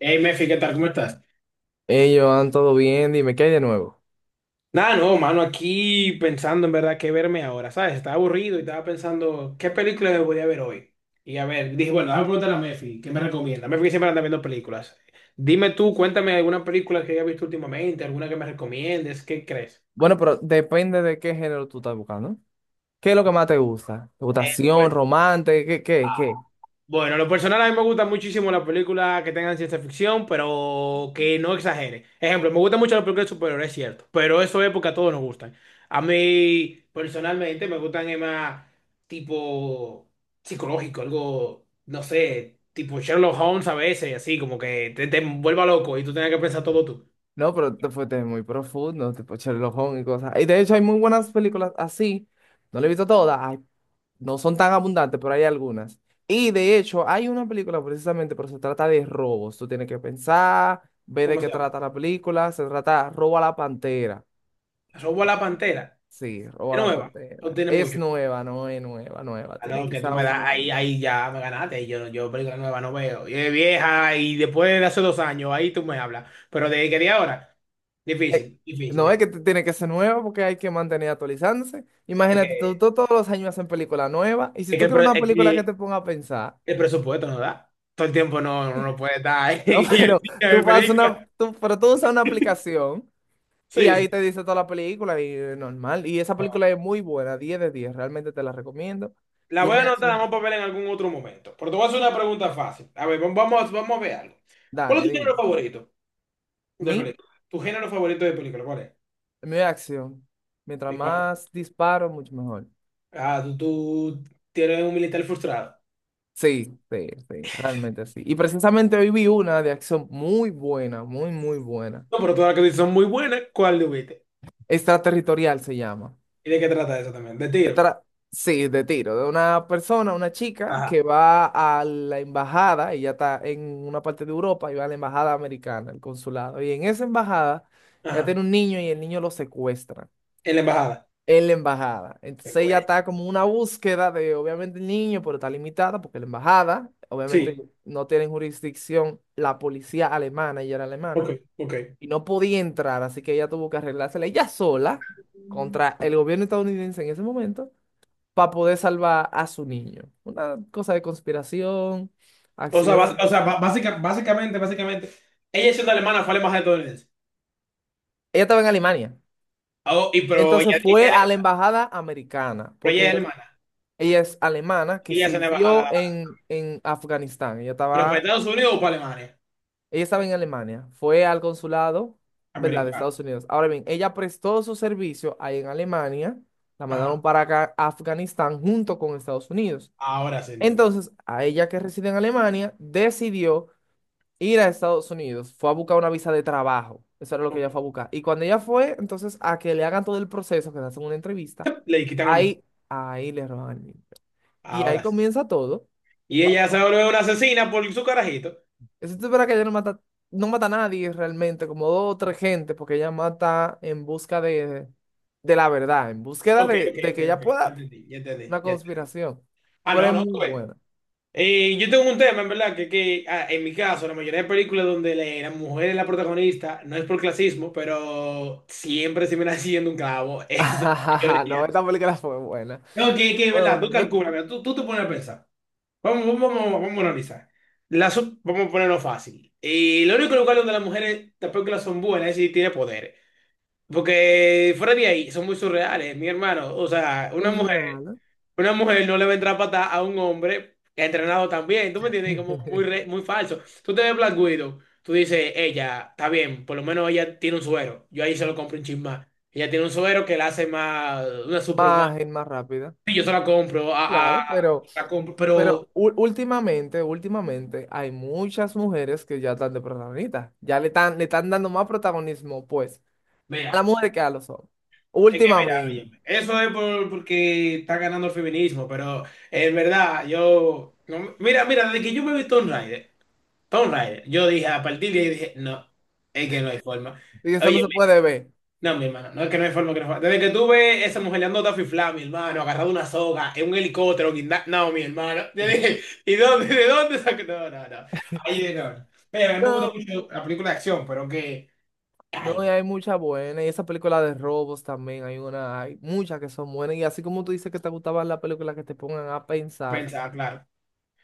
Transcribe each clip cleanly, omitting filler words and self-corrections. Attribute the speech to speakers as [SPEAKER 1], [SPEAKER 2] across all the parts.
[SPEAKER 1] Hey, Mefi, ¿qué tal? ¿Cómo estás?
[SPEAKER 2] Ellos Joan, ¿todo bien? Dime, ¿qué hay de nuevo?
[SPEAKER 1] Nada, no, mano, aquí pensando en verdad qué verme ahora, ¿sabes? Estaba aburrido y estaba pensando qué película me podía ver hoy. Y a ver, dije, bueno, déjame preguntarle a Mefi, ¿qué me recomienda? Mefi que siempre anda viendo películas. Dime tú, cuéntame alguna película que hayas visto últimamente, alguna que me recomiendes, ¿qué crees?
[SPEAKER 2] Bueno, pero depende de qué género tú estás buscando. ¿Qué es lo que más te gusta? ¿Te gusta
[SPEAKER 1] Eh,
[SPEAKER 2] acción, romance? ¿Qué?
[SPEAKER 1] Bueno, lo personal a mí me gustan muchísimo las películas que tengan ciencia ficción, pero que no exagere. Ejemplo, me gustan mucho las películas de superhéroes, es cierto, pero eso es porque a todos nos gustan. A mí, personalmente, me gustan más tipo psicológico, algo, no sé, tipo Sherlock Holmes a veces, así como que te vuelva loco y tú tengas que pensar todo tú.
[SPEAKER 2] No, pero te fuiste muy profundo, tipo Sherlock Holmes y cosas. Y de hecho hay muy buenas películas así. No las he visto todas. No son tan abundantes, pero hay algunas. Y de hecho hay una película precisamente, pero se trata de robos. Tú tienes que pensar, ver de
[SPEAKER 1] ¿Cómo
[SPEAKER 2] qué
[SPEAKER 1] se llama?
[SPEAKER 2] trata la película. Se trata Roba la Pantera.
[SPEAKER 1] Robo a la Pantera.
[SPEAKER 2] Sí, Roba
[SPEAKER 1] Es
[SPEAKER 2] la
[SPEAKER 1] nueva, no
[SPEAKER 2] Pantera.
[SPEAKER 1] tiene
[SPEAKER 2] Es
[SPEAKER 1] mucho.
[SPEAKER 2] nueva, no es nueva, nueva.
[SPEAKER 1] Ah,
[SPEAKER 2] Tiene
[SPEAKER 1] no, que tú
[SPEAKER 2] quizá
[SPEAKER 1] me
[SPEAKER 2] un
[SPEAKER 1] das,
[SPEAKER 2] mes.
[SPEAKER 1] ahí ya me ganaste. Y yo película nueva no veo. Y es vieja y después de hace 2 años, ahí tú me hablas. Pero de que de ahora,
[SPEAKER 2] Eh,
[SPEAKER 1] difícil, difícil,
[SPEAKER 2] no es que
[SPEAKER 1] difícil.
[SPEAKER 2] tiene que ser nueva porque hay que mantener actualizándose.
[SPEAKER 1] Es
[SPEAKER 2] Imagínate, tú,
[SPEAKER 1] que,
[SPEAKER 2] tú todos los años hacen películas nuevas y si
[SPEAKER 1] es que,
[SPEAKER 2] tú
[SPEAKER 1] el,
[SPEAKER 2] quieres
[SPEAKER 1] pro-
[SPEAKER 2] una
[SPEAKER 1] es
[SPEAKER 2] película que
[SPEAKER 1] que
[SPEAKER 2] te ponga a pensar,
[SPEAKER 1] el presupuesto no da. Todo el tiempo no puede estar
[SPEAKER 2] no,
[SPEAKER 1] en el
[SPEAKER 2] pero
[SPEAKER 1] cine
[SPEAKER 2] tú
[SPEAKER 1] de
[SPEAKER 2] pasas
[SPEAKER 1] película.
[SPEAKER 2] una, tú, pero tú usas una aplicación y
[SPEAKER 1] Sí,
[SPEAKER 2] ahí
[SPEAKER 1] sí.
[SPEAKER 2] te dice toda la película y normal. Y esa
[SPEAKER 1] No.
[SPEAKER 2] película es muy buena, 10 de 10, realmente te la recomiendo.
[SPEAKER 1] La voy a
[SPEAKER 2] Tiene
[SPEAKER 1] anotar, la
[SPEAKER 2] acción.
[SPEAKER 1] vamos a ver en algún otro momento. Pero te voy a hacer una pregunta fácil. A ver, vamos a ver algo. ¿Cuál es
[SPEAKER 2] Dale,
[SPEAKER 1] tu género
[SPEAKER 2] dime.
[SPEAKER 1] favorito de
[SPEAKER 2] Mi,
[SPEAKER 1] película? ¿Tu género favorito de película? ¿Cuál es?
[SPEAKER 2] mi acción. Mientras
[SPEAKER 1] ¿Y cuál es?
[SPEAKER 2] más disparo, mucho mejor.
[SPEAKER 1] Ah, tú tienes un militar frustrado.
[SPEAKER 2] Sí, sí, sí, realmente sí. Y precisamente hoy vi una de acción muy buena, muy buena.
[SPEAKER 1] No, pero todas las que dices son muy buenas, ¿cuál le viste?
[SPEAKER 2] Extraterritorial se llama.
[SPEAKER 1] ¿Y de qué trata eso también? De
[SPEAKER 2] Se
[SPEAKER 1] tiro.
[SPEAKER 2] tra- sí, de tiro, de una persona, una chica que
[SPEAKER 1] Ajá,
[SPEAKER 2] va a la embajada, ella está en una parte de Europa y va a la embajada americana, el consulado. Y en esa embajada ella tiene
[SPEAKER 1] ajá.
[SPEAKER 2] un niño y el niño lo secuestran.
[SPEAKER 1] En la embajada.
[SPEAKER 2] En la embajada.
[SPEAKER 1] Qué
[SPEAKER 2] Entonces ella
[SPEAKER 1] güey.
[SPEAKER 2] está como una búsqueda de, obviamente, el niño, pero está limitada porque la embajada, obviamente,
[SPEAKER 1] Sí,
[SPEAKER 2] no tiene jurisdicción la policía alemana, ella era
[SPEAKER 1] ok,
[SPEAKER 2] alemana,
[SPEAKER 1] ok.
[SPEAKER 2] y no podía entrar, así que ella tuvo que arreglársela ella sola contra el gobierno estadounidense en ese momento para poder salvar a su niño. Una cosa de conspiración,
[SPEAKER 1] O sea, bas-
[SPEAKER 2] acción.
[SPEAKER 1] o sea ba- básica- básicamente, básicamente, ella siendo alemana fue a la embajada estadounidense.
[SPEAKER 2] Ella estaba en Alemania.
[SPEAKER 1] Oh, y pero ella,
[SPEAKER 2] Entonces
[SPEAKER 1] ella
[SPEAKER 2] fue
[SPEAKER 1] es
[SPEAKER 2] a la
[SPEAKER 1] alemana.
[SPEAKER 2] embajada americana,
[SPEAKER 1] Pero ella es
[SPEAKER 2] porque
[SPEAKER 1] alemana.
[SPEAKER 2] ella es alemana que
[SPEAKER 1] Y ella es una
[SPEAKER 2] sirvió
[SPEAKER 1] embajada.
[SPEAKER 2] en Afganistán.
[SPEAKER 1] ¿Pero para Estados Unidos o para Alemania?
[SPEAKER 2] Ella estaba en Alemania. Fue al consulado, ¿verdad? De
[SPEAKER 1] Americana.
[SPEAKER 2] Estados Unidos. Ahora bien, ella prestó su servicio ahí en Alemania. La mandaron
[SPEAKER 1] Ajá.
[SPEAKER 2] para acá, Afganistán, junto con Estados Unidos.
[SPEAKER 1] Ahora sí entendí.
[SPEAKER 2] Entonces, a ella que reside en Alemania, decidió ir a Estados Unidos. Fue a buscar una visa de trabajo. Eso era lo que
[SPEAKER 1] Ok.
[SPEAKER 2] ella fue a buscar. Y cuando ella fue, entonces, a que le hagan todo el proceso, que le hacen una entrevista,
[SPEAKER 1] Le quitan el muchacho.
[SPEAKER 2] ahí, ahí le roban. Y ahí
[SPEAKER 1] Ahora sí.
[SPEAKER 2] comienza todo.
[SPEAKER 1] Y
[SPEAKER 2] La-
[SPEAKER 1] ella se vuelve una asesina por su carajito.
[SPEAKER 2] Eso es verdad, que ella no mata, no mata a nadie realmente, como dos o tres gente, porque ella mata en busca de la verdad, en búsqueda
[SPEAKER 1] Ok, ok,
[SPEAKER 2] de
[SPEAKER 1] ok,
[SPEAKER 2] que ella
[SPEAKER 1] ok. Ya
[SPEAKER 2] pueda
[SPEAKER 1] entendí, ya entendí,
[SPEAKER 2] una
[SPEAKER 1] ya entendí.
[SPEAKER 2] conspiración.
[SPEAKER 1] Ah,
[SPEAKER 2] Pero
[SPEAKER 1] no,
[SPEAKER 2] es
[SPEAKER 1] no,
[SPEAKER 2] muy
[SPEAKER 1] tú ves.
[SPEAKER 2] buena.
[SPEAKER 1] Yo tengo un tema, en verdad, que, en mi caso, la mayoría de películas donde la mujer es la protagonista, no es por clasismo, pero siempre se me está haciendo un clavo. Eso, la
[SPEAKER 2] No,
[SPEAKER 1] mayoría.
[SPEAKER 2] esta película fue buena.
[SPEAKER 1] No, que en
[SPEAKER 2] Fue
[SPEAKER 1] verdad, tú
[SPEAKER 2] buena,
[SPEAKER 1] calculas, mira, tú te pones a pensar. Vamos a analizar. Vamos a ponerlo fácil. Y lo único lugar donde las mujeres, las películas son buenas es si tiene poder. Porque fuera de ahí, son muy surreales, mi hermano. O sea, una
[SPEAKER 2] son
[SPEAKER 1] mujer.
[SPEAKER 2] reales.
[SPEAKER 1] Una mujer no le va a entrar a patada a un hombre que ha entrenado también, ¿tú me entiendes? Como muy, re- muy falso. Tú te ves Black Widow, tú dices, ella, está bien, por lo menos ella tiene un suero. Yo ahí se lo compro un chin más. Ella tiene un suero que la hace más una superhumana.
[SPEAKER 2] Más, es más rápida.
[SPEAKER 1] Sí, yo se la compro,
[SPEAKER 2] Claro,
[SPEAKER 1] la compro,
[SPEAKER 2] pero
[SPEAKER 1] pero
[SPEAKER 2] últimamente, últimamente hay muchas mujeres que ya están de protagonistas, ya le están dando más protagonismo, pues. A la
[SPEAKER 1] vea,
[SPEAKER 2] mujer que a los hombres.
[SPEAKER 1] es que mira,
[SPEAKER 2] Últimamente.
[SPEAKER 1] óyeme, eso es porque está ganando el feminismo, pero en verdad, yo, no- mira, mira, desde que yo me vi Tomb Raider, Tomb Raider, yo dije, a partir de ahí dije, no, es que no hay forma.
[SPEAKER 2] Y eso no
[SPEAKER 1] Oye,
[SPEAKER 2] se puede ver.
[SPEAKER 1] no, mi hermano, no es que no hay forma que no fa- desde que tuve esa mujer le Taffy Flam, mi hermano, agarrado una soga, en un helicóptero, no, mi hermano. Yo dije, ¿y de dónde sacó? No, no, no. Ay, no. Mira, a mí me gusta
[SPEAKER 2] No,
[SPEAKER 1] mucho la película de acción, pero que. Ay,
[SPEAKER 2] no, y
[SPEAKER 1] mira,
[SPEAKER 2] hay muchas buenas. Y esa película de robos también. Hay una, hay muchas que son buenas. Y así como tú dices que te gustaban las películas que te pongan a pensar,
[SPEAKER 1] pensaba, claro.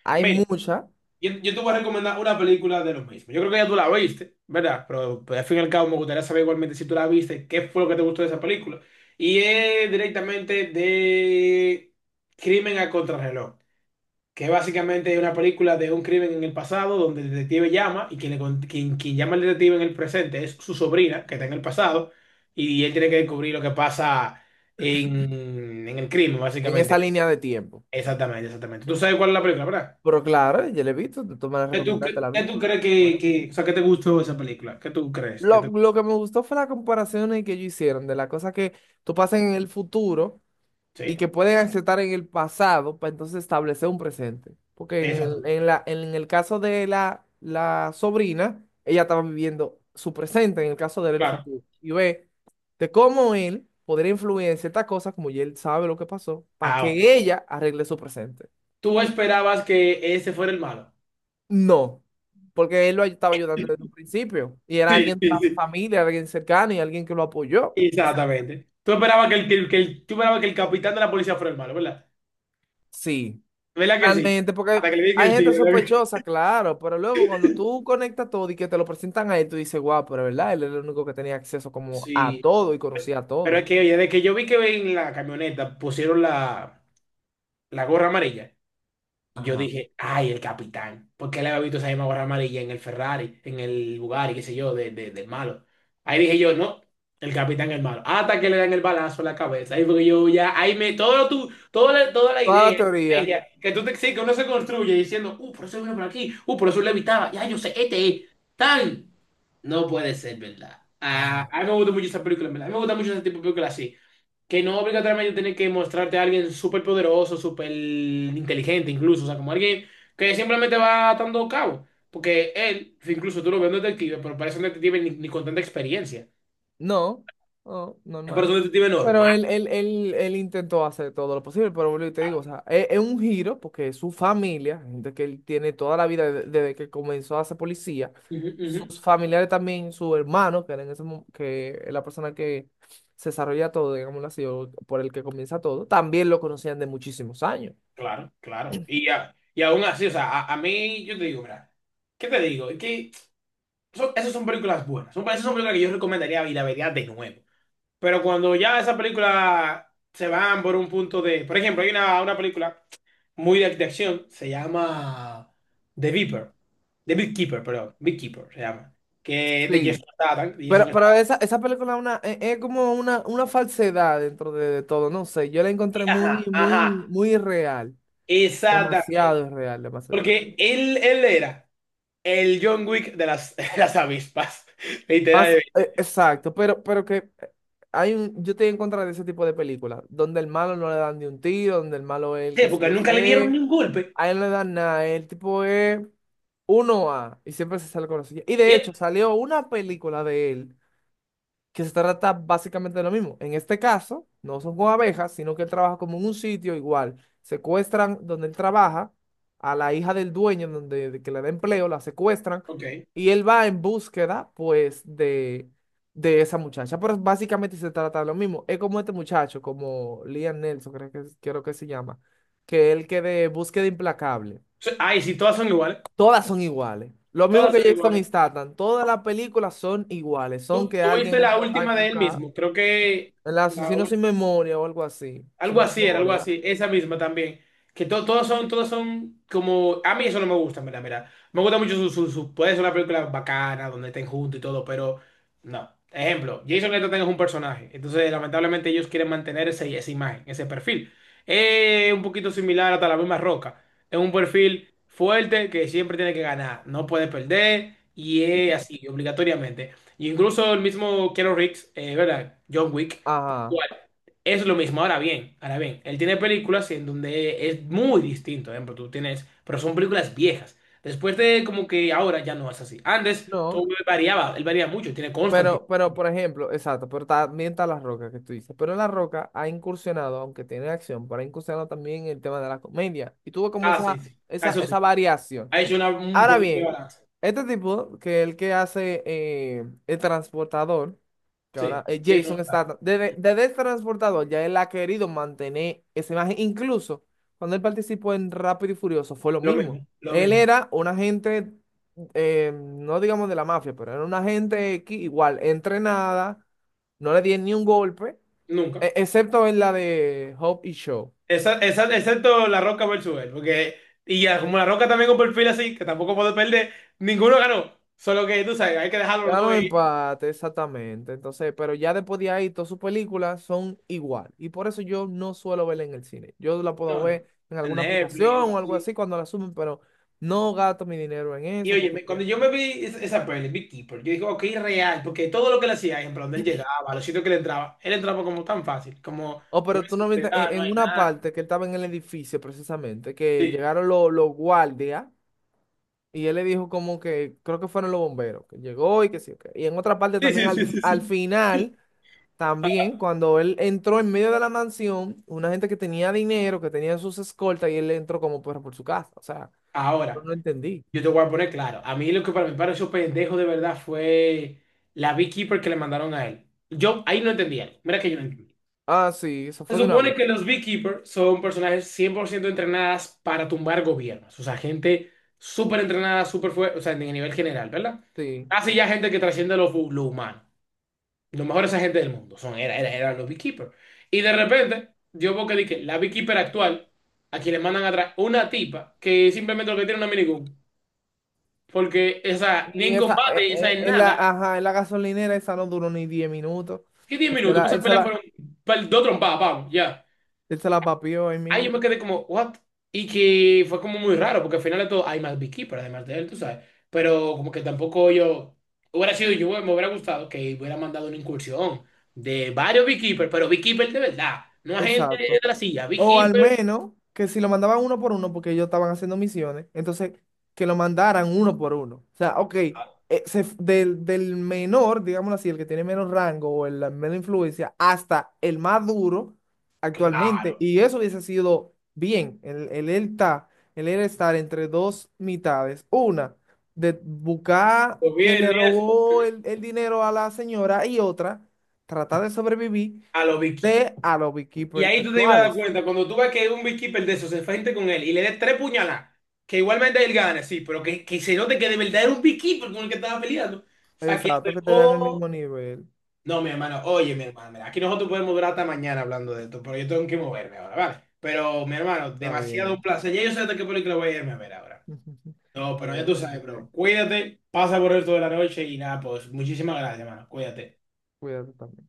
[SPEAKER 2] hay
[SPEAKER 1] Mira,
[SPEAKER 2] muchas
[SPEAKER 1] yo te voy a recomendar una película de lo mismo. Yo creo que ya tú la viste, ¿verdad? Pero pues, al fin y al cabo me gustaría saber igualmente si tú la viste, qué fue lo que te gustó de esa película. Y es directamente de Crimen a Contrarreloj, que básicamente es básicamente una película de un crimen en el pasado donde el detective llama y quien, le con- quien, quien llama al detective en el presente es su sobrina que está en el pasado, y él tiene que descubrir lo que pasa en el crimen,
[SPEAKER 2] en
[SPEAKER 1] básicamente.
[SPEAKER 2] esa línea de tiempo.
[SPEAKER 1] Exactamente, exactamente. ¿Tú sabes cuál es la película, verdad?
[SPEAKER 2] Pero claro, yo la he visto, tú me la
[SPEAKER 1] ¿Qué tú,
[SPEAKER 2] recomendaste,
[SPEAKER 1] cre-
[SPEAKER 2] la
[SPEAKER 1] qué
[SPEAKER 2] vi.
[SPEAKER 1] tú crees que,
[SPEAKER 2] Bueno.
[SPEAKER 1] que, o sea, ¿qué te gustó esa película? ¿Qué tú crees?
[SPEAKER 2] Lo, lo que me gustó fue las comparaciones que ellos hicieron de las cosas que tú pasas en el futuro y
[SPEAKER 1] Sí,
[SPEAKER 2] que pueden aceptar en el pasado para entonces establecer un presente. Porque en el,
[SPEAKER 1] exactamente.
[SPEAKER 2] en la, en el caso de la, la sobrina, ella estaba viviendo su presente, en el caso de él, el
[SPEAKER 1] Claro.
[SPEAKER 2] futuro. Y ve de cómo él podría influir en ciertas cosas, como ya él sabe lo que pasó, para
[SPEAKER 1] Ahora,
[SPEAKER 2] que ella arregle su presente.
[SPEAKER 1] ¿tú esperabas que ese fuera el malo?
[SPEAKER 2] No, porque él lo estaba ayudando desde un principio y era
[SPEAKER 1] Sí,
[SPEAKER 2] alguien de la
[SPEAKER 1] sí, sí.
[SPEAKER 2] familia, alguien cercano y alguien que lo apoyó. Entonces,
[SPEAKER 1] Exactamente. Tú esperabas que el, que el, que el- tú esperabas que el capitán de la policía fuera el malo, ¿verdad?
[SPEAKER 2] sí.
[SPEAKER 1] ¿Verdad que sí?
[SPEAKER 2] Realmente, porque
[SPEAKER 1] Hasta que le digan
[SPEAKER 2] hay
[SPEAKER 1] el
[SPEAKER 2] gente
[SPEAKER 1] tío.
[SPEAKER 2] sospechosa, claro, pero luego cuando tú conectas todo y que te lo presentan a él, tú dices, guau, pero verdad, él es el único que tenía acceso como a
[SPEAKER 1] Sí.
[SPEAKER 2] todo y conocía a
[SPEAKER 1] Pero es
[SPEAKER 2] todo.
[SPEAKER 1] que, oye, de que yo vi que en la camioneta pusieron la gorra amarilla, y yo
[SPEAKER 2] Ajá.
[SPEAKER 1] dije, ay, el capitán. Porque él había visto esa misma gorra amarilla en el Ferrari, en el Bugatti, qué sé yo, del malo. Ahí dije yo, no, el capitán es el malo. Hasta que le dan el balazo en la cabeza. Ahí porque yo ya, ahí me, todo lo tu, todo la- toda la
[SPEAKER 2] Toda la
[SPEAKER 1] idea, la
[SPEAKER 2] teoría.
[SPEAKER 1] estrategia, que tú te sí, que uno se construye diciendo, por eso vino por aquí, por eso le evitaba, ya yo sé, este es, tan. No puede ser, ¿verdad? Ah, a mí me gusta mucho esa película, ¿verdad? A mí me gusta mucho ese tipo de películas así. Que no obligatoriamente tiene que mostrarte a alguien súper poderoso, súper inteligente incluso, o sea, como alguien que simplemente va atando cabo. Porque él, incluso tú lo ves en detective, pero parece un detective ni con tanta experiencia.
[SPEAKER 2] No, no,
[SPEAKER 1] Parece
[SPEAKER 2] normal.
[SPEAKER 1] un detective
[SPEAKER 2] Pero
[SPEAKER 1] normal.
[SPEAKER 2] él intentó hacer todo lo posible, pero vuelvo y te digo, o sea, es un giro porque su familia, gente que él tiene toda la vida desde que comenzó a ser policía,
[SPEAKER 1] Ujú,
[SPEAKER 2] sus
[SPEAKER 1] ujú.
[SPEAKER 2] familiares también, su hermano, que era en ese, que es la persona que se desarrolla todo, digámoslo así, o por el que comienza todo, también lo conocían de muchísimos años.
[SPEAKER 1] Claro, claro. Y aún así, o sea, a mí, yo te digo, mira, ¿qué te digo? Esas son películas buenas. Esas son películas que yo recomendaría y la vería de nuevo. Pero cuando ya esas películas se van por un punto de... Por ejemplo, hay una película muy de acción, se llama The Viper. The Beekeeper, perdón. Beekeeper se llama. Que es de
[SPEAKER 2] Sí,
[SPEAKER 1] Jason Statham. de Jason
[SPEAKER 2] pero
[SPEAKER 1] Statham.
[SPEAKER 2] esa, esa película es una, es como una falsedad dentro de todo, no sé, yo la encontré muy,
[SPEAKER 1] Ajá,
[SPEAKER 2] muy,
[SPEAKER 1] ajá.
[SPEAKER 2] muy real. Demasiado
[SPEAKER 1] Exactamente.
[SPEAKER 2] irreal, demasiado irreal.
[SPEAKER 1] Porque él era el John Wick de las, de las avispas.
[SPEAKER 2] Más,
[SPEAKER 1] Literalmente.
[SPEAKER 2] exacto, pero que hay un, yo estoy en contra de ese tipo de películas, donde el malo no le dan ni un tiro, donde el malo es el
[SPEAKER 1] Sí,
[SPEAKER 2] que sé
[SPEAKER 1] porque
[SPEAKER 2] yo
[SPEAKER 1] nunca le dieron ni
[SPEAKER 2] qué,
[SPEAKER 1] un golpe.
[SPEAKER 2] a él no le dan nada, el tipo es uno a y siempre se sale con la suya. Y de
[SPEAKER 1] Y
[SPEAKER 2] hecho, salió una película de él que se trata básicamente de lo mismo. En este caso, no son con abejas, sino que él trabaja como en un sitio igual. Secuestran donde él trabaja a la hija del dueño, donde de que le da empleo, la secuestran
[SPEAKER 1] ok.
[SPEAKER 2] y él va en búsqueda, pues, de esa muchacha. Pero básicamente se trata de lo mismo. Es como este muchacho, como Liam Nelson, creo que se llama, que él que de búsqueda implacable.
[SPEAKER 1] Ay, sí, todas son iguales.
[SPEAKER 2] Todas son iguales. Lo mismo
[SPEAKER 1] Todas
[SPEAKER 2] que
[SPEAKER 1] son
[SPEAKER 2] Jason
[SPEAKER 1] iguales.
[SPEAKER 2] Statham, todas las películas son iguales, son
[SPEAKER 1] Tú,
[SPEAKER 2] que
[SPEAKER 1] tú
[SPEAKER 2] alguien
[SPEAKER 1] viste la
[SPEAKER 2] hay
[SPEAKER 1] última
[SPEAKER 2] que
[SPEAKER 1] de él
[SPEAKER 2] buscar.
[SPEAKER 1] mismo. Creo que
[SPEAKER 2] El
[SPEAKER 1] la
[SPEAKER 2] asesino sin memoria o algo así.
[SPEAKER 1] Algo
[SPEAKER 2] Sin
[SPEAKER 1] así era, algo
[SPEAKER 2] memoria.
[SPEAKER 1] así, esa misma también. Que todos son como. A mí eso no me gusta, mira, mira. Me gusta mucho puede ser una película bacana, donde estén juntos y todo, pero no. Ejemplo, Jason Statham es un personaje. Entonces, lamentablemente, ellos quieren mantener ese, esa imagen, ese perfil. Es un poquito similar hasta la misma Roca. Es un perfil fuerte que siempre tiene que ganar, no puede perder, y es así, obligatoriamente. Y incluso el mismo Keanu Reeves, ¿verdad? John Wick. Tal
[SPEAKER 2] Ajá.
[SPEAKER 1] cual. Es lo mismo, ahora bien, él tiene películas en donde es muy distinto, por ejemplo, tú tienes, pero son películas viejas. Después de como que ahora ya no es así. Antes
[SPEAKER 2] No.
[SPEAKER 1] todo variaba, él varía mucho, tiene Constantine.
[SPEAKER 2] Pero, por ejemplo, exacto, pero también está La Roca que tú dices. Pero La Roca ha incursionado, aunque tiene acción, pero ha incursionado también en el tema de la comedia. Y tuvo como
[SPEAKER 1] Ah,
[SPEAKER 2] esa,
[SPEAKER 1] sí, sí. Ah,
[SPEAKER 2] esa,
[SPEAKER 1] eso
[SPEAKER 2] esa
[SPEAKER 1] sí.
[SPEAKER 2] variación.
[SPEAKER 1] Ha hecho un
[SPEAKER 2] Ahora
[SPEAKER 1] poco de
[SPEAKER 2] bien,
[SPEAKER 1] balance.
[SPEAKER 2] este tipo, que es el que hace el transportador, que ahora
[SPEAKER 1] Sí, eso no
[SPEAKER 2] Jason
[SPEAKER 1] está.
[SPEAKER 2] Statham, desde, desde el transportador ya él ha querido mantener esa imagen. Incluso cuando él participó en Rápido y Furioso fue lo
[SPEAKER 1] Lo
[SPEAKER 2] mismo.
[SPEAKER 1] mismo, lo
[SPEAKER 2] Él
[SPEAKER 1] mismo.
[SPEAKER 2] era un agente, no digamos de la mafia, pero era un agente X, igual, entrenada, no le dieron ni un golpe,
[SPEAKER 1] Nunca.
[SPEAKER 2] excepto en la de Hope y Shaw.
[SPEAKER 1] Excepto La Roca versus él, porque y ya, como La Roca también con perfil así, que tampoco puedo perder, ninguno ganó. Solo que tú sabes, hay que dejarlo los
[SPEAKER 2] Quedaron
[SPEAKER 1] dos y
[SPEAKER 2] empate, exactamente. Entonces, pero ya después de ahí, todas sus películas son igual. Y por eso yo no suelo verla en el cine. Yo la puedo
[SPEAKER 1] no,
[SPEAKER 2] ver
[SPEAKER 1] no.
[SPEAKER 2] en
[SPEAKER 1] En
[SPEAKER 2] alguna aplicación
[SPEAKER 1] Netflix, algo
[SPEAKER 2] o algo
[SPEAKER 1] así.
[SPEAKER 2] así cuando la suben, pero no gasto mi dinero en
[SPEAKER 1] Y
[SPEAKER 2] eso. Porque...
[SPEAKER 1] oye, cuando yo me vi esa peli, Beekeeper, yo dije, ok, real, porque todo lo que le hacía, ejemplo, donde él llegaba, los sitios que le entraba, él entraba como tan fácil, como
[SPEAKER 2] Oh,
[SPEAKER 1] no
[SPEAKER 2] pero
[SPEAKER 1] hay
[SPEAKER 2] tú no viste
[SPEAKER 1] seguridad, no
[SPEAKER 2] en
[SPEAKER 1] hay
[SPEAKER 2] una
[SPEAKER 1] nada.
[SPEAKER 2] parte que él estaba en el edificio precisamente, que
[SPEAKER 1] Sí,
[SPEAKER 2] llegaron los guardias y él le dijo como que creo que fueron los bomberos, que llegó y que sí. Ok. Y en otra parte
[SPEAKER 1] sí,
[SPEAKER 2] también
[SPEAKER 1] sí,
[SPEAKER 2] al,
[SPEAKER 1] sí, sí,
[SPEAKER 2] al
[SPEAKER 1] sí.
[SPEAKER 2] final. También cuando él entró en medio de la mansión, una gente que tenía dinero, que tenía sus escoltas, y él entró como perro por su casa. O sea, yo
[SPEAKER 1] Ahora,
[SPEAKER 2] no entendí.
[SPEAKER 1] yo te voy a poner claro, a mí lo que para mí pareció pendejo de verdad fue la Beekeeper que le mandaron a él. Yo ahí no entendía, mira que yo no entendía.
[SPEAKER 2] Ah, sí, eso
[SPEAKER 1] Se
[SPEAKER 2] fue de una
[SPEAKER 1] supone
[SPEAKER 2] vez.
[SPEAKER 1] que los Beekeepers son personajes 100% entrenadas para tumbar gobiernos. O sea, gente súper entrenada, súper fuerte, o sea, en el nivel general, ¿verdad?
[SPEAKER 2] Sí.
[SPEAKER 1] Así ya gente que trasciende lo humano. Los mejores agentes del mundo son, eran los Beekeepers. Y de repente, yo veo que di que la Beekeeper actual, a quien le mandan atrás una tipa que simplemente lo que tiene es una minigun. Porque esa, ni
[SPEAKER 2] Y
[SPEAKER 1] en
[SPEAKER 2] esa,
[SPEAKER 1] combate, esa en
[SPEAKER 2] en la,
[SPEAKER 1] nada.
[SPEAKER 2] ajá, en la gasolinera, esa no duró ni 10 minutos.
[SPEAKER 1] ¿Qué 10
[SPEAKER 2] Él se
[SPEAKER 1] minutos?
[SPEAKER 2] la,
[SPEAKER 1] Pues
[SPEAKER 2] él
[SPEAKER 1] esa
[SPEAKER 2] se
[SPEAKER 1] pelea
[SPEAKER 2] la,
[SPEAKER 1] fueron dos trompadas, vamos, ya.
[SPEAKER 2] Él se la papió ahí
[SPEAKER 1] Ay, yo
[SPEAKER 2] mismo.
[SPEAKER 1] me quedé como, ¿what? Y que fue como muy raro, porque al final de todo hay más Beekeeper, además de él, tú sabes. Pero como que tampoco yo, hubiera sido yo, me hubiera gustado que hubiera mandado una incursión de varios Beekeeper, pero Beekeeper de verdad, no a gente
[SPEAKER 2] Exacto.
[SPEAKER 1] de la silla,
[SPEAKER 2] O al
[SPEAKER 1] Beekeeper,
[SPEAKER 2] menos que si lo mandaban uno por uno, porque ellos estaban haciendo misiones, entonces que lo mandaran uno por uno. O sea, ok,
[SPEAKER 1] ah,
[SPEAKER 2] del, del menor, digámoslo así, el que tiene menos rango o el, la menos influencia, hasta el más duro
[SPEAKER 1] claro,
[SPEAKER 2] actualmente. Y eso hubiese sido bien. Él está, el él estar entre dos mitades. Una, de buscar
[SPEAKER 1] pues
[SPEAKER 2] quien le
[SPEAKER 1] bien, y eso,
[SPEAKER 2] robó el dinero a la señora y otra, tratar de sobrevivir
[SPEAKER 1] a los Beekeeper.
[SPEAKER 2] de a los
[SPEAKER 1] Y
[SPEAKER 2] beekeepers
[SPEAKER 1] ahí tú te ibas a dar
[SPEAKER 2] actuales.
[SPEAKER 1] cuenta, cuando tú ves que un Beekeeper de esos se enfrente con él y le des tres puñaladas, que igualmente él gane, sí, pero que se note que de verdad era un Beekeeper con el que estaba peleando. O sea, que lo
[SPEAKER 2] Exacto, que te dan el
[SPEAKER 1] dejó.
[SPEAKER 2] mismo nivel.
[SPEAKER 1] No, mi hermano, oye, mi hermano, mira, aquí nosotros podemos durar hasta mañana hablando de esto, pero yo tengo que moverme ahora, ¿vale? Pero, mi hermano,
[SPEAKER 2] Está
[SPEAKER 1] demasiado un
[SPEAKER 2] bien.
[SPEAKER 1] placer. Ya yo sé hasta qué película voy a irme a ver ahora. No,
[SPEAKER 2] Está
[SPEAKER 1] pero ya
[SPEAKER 2] bien,
[SPEAKER 1] tú
[SPEAKER 2] hay
[SPEAKER 1] sabes,
[SPEAKER 2] que
[SPEAKER 1] bro. Cuídate, pasa por el resto de la noche y nada, pues muchísimas gracias, hermano. Cuídate.
[SPEAKER 2] cuídate también.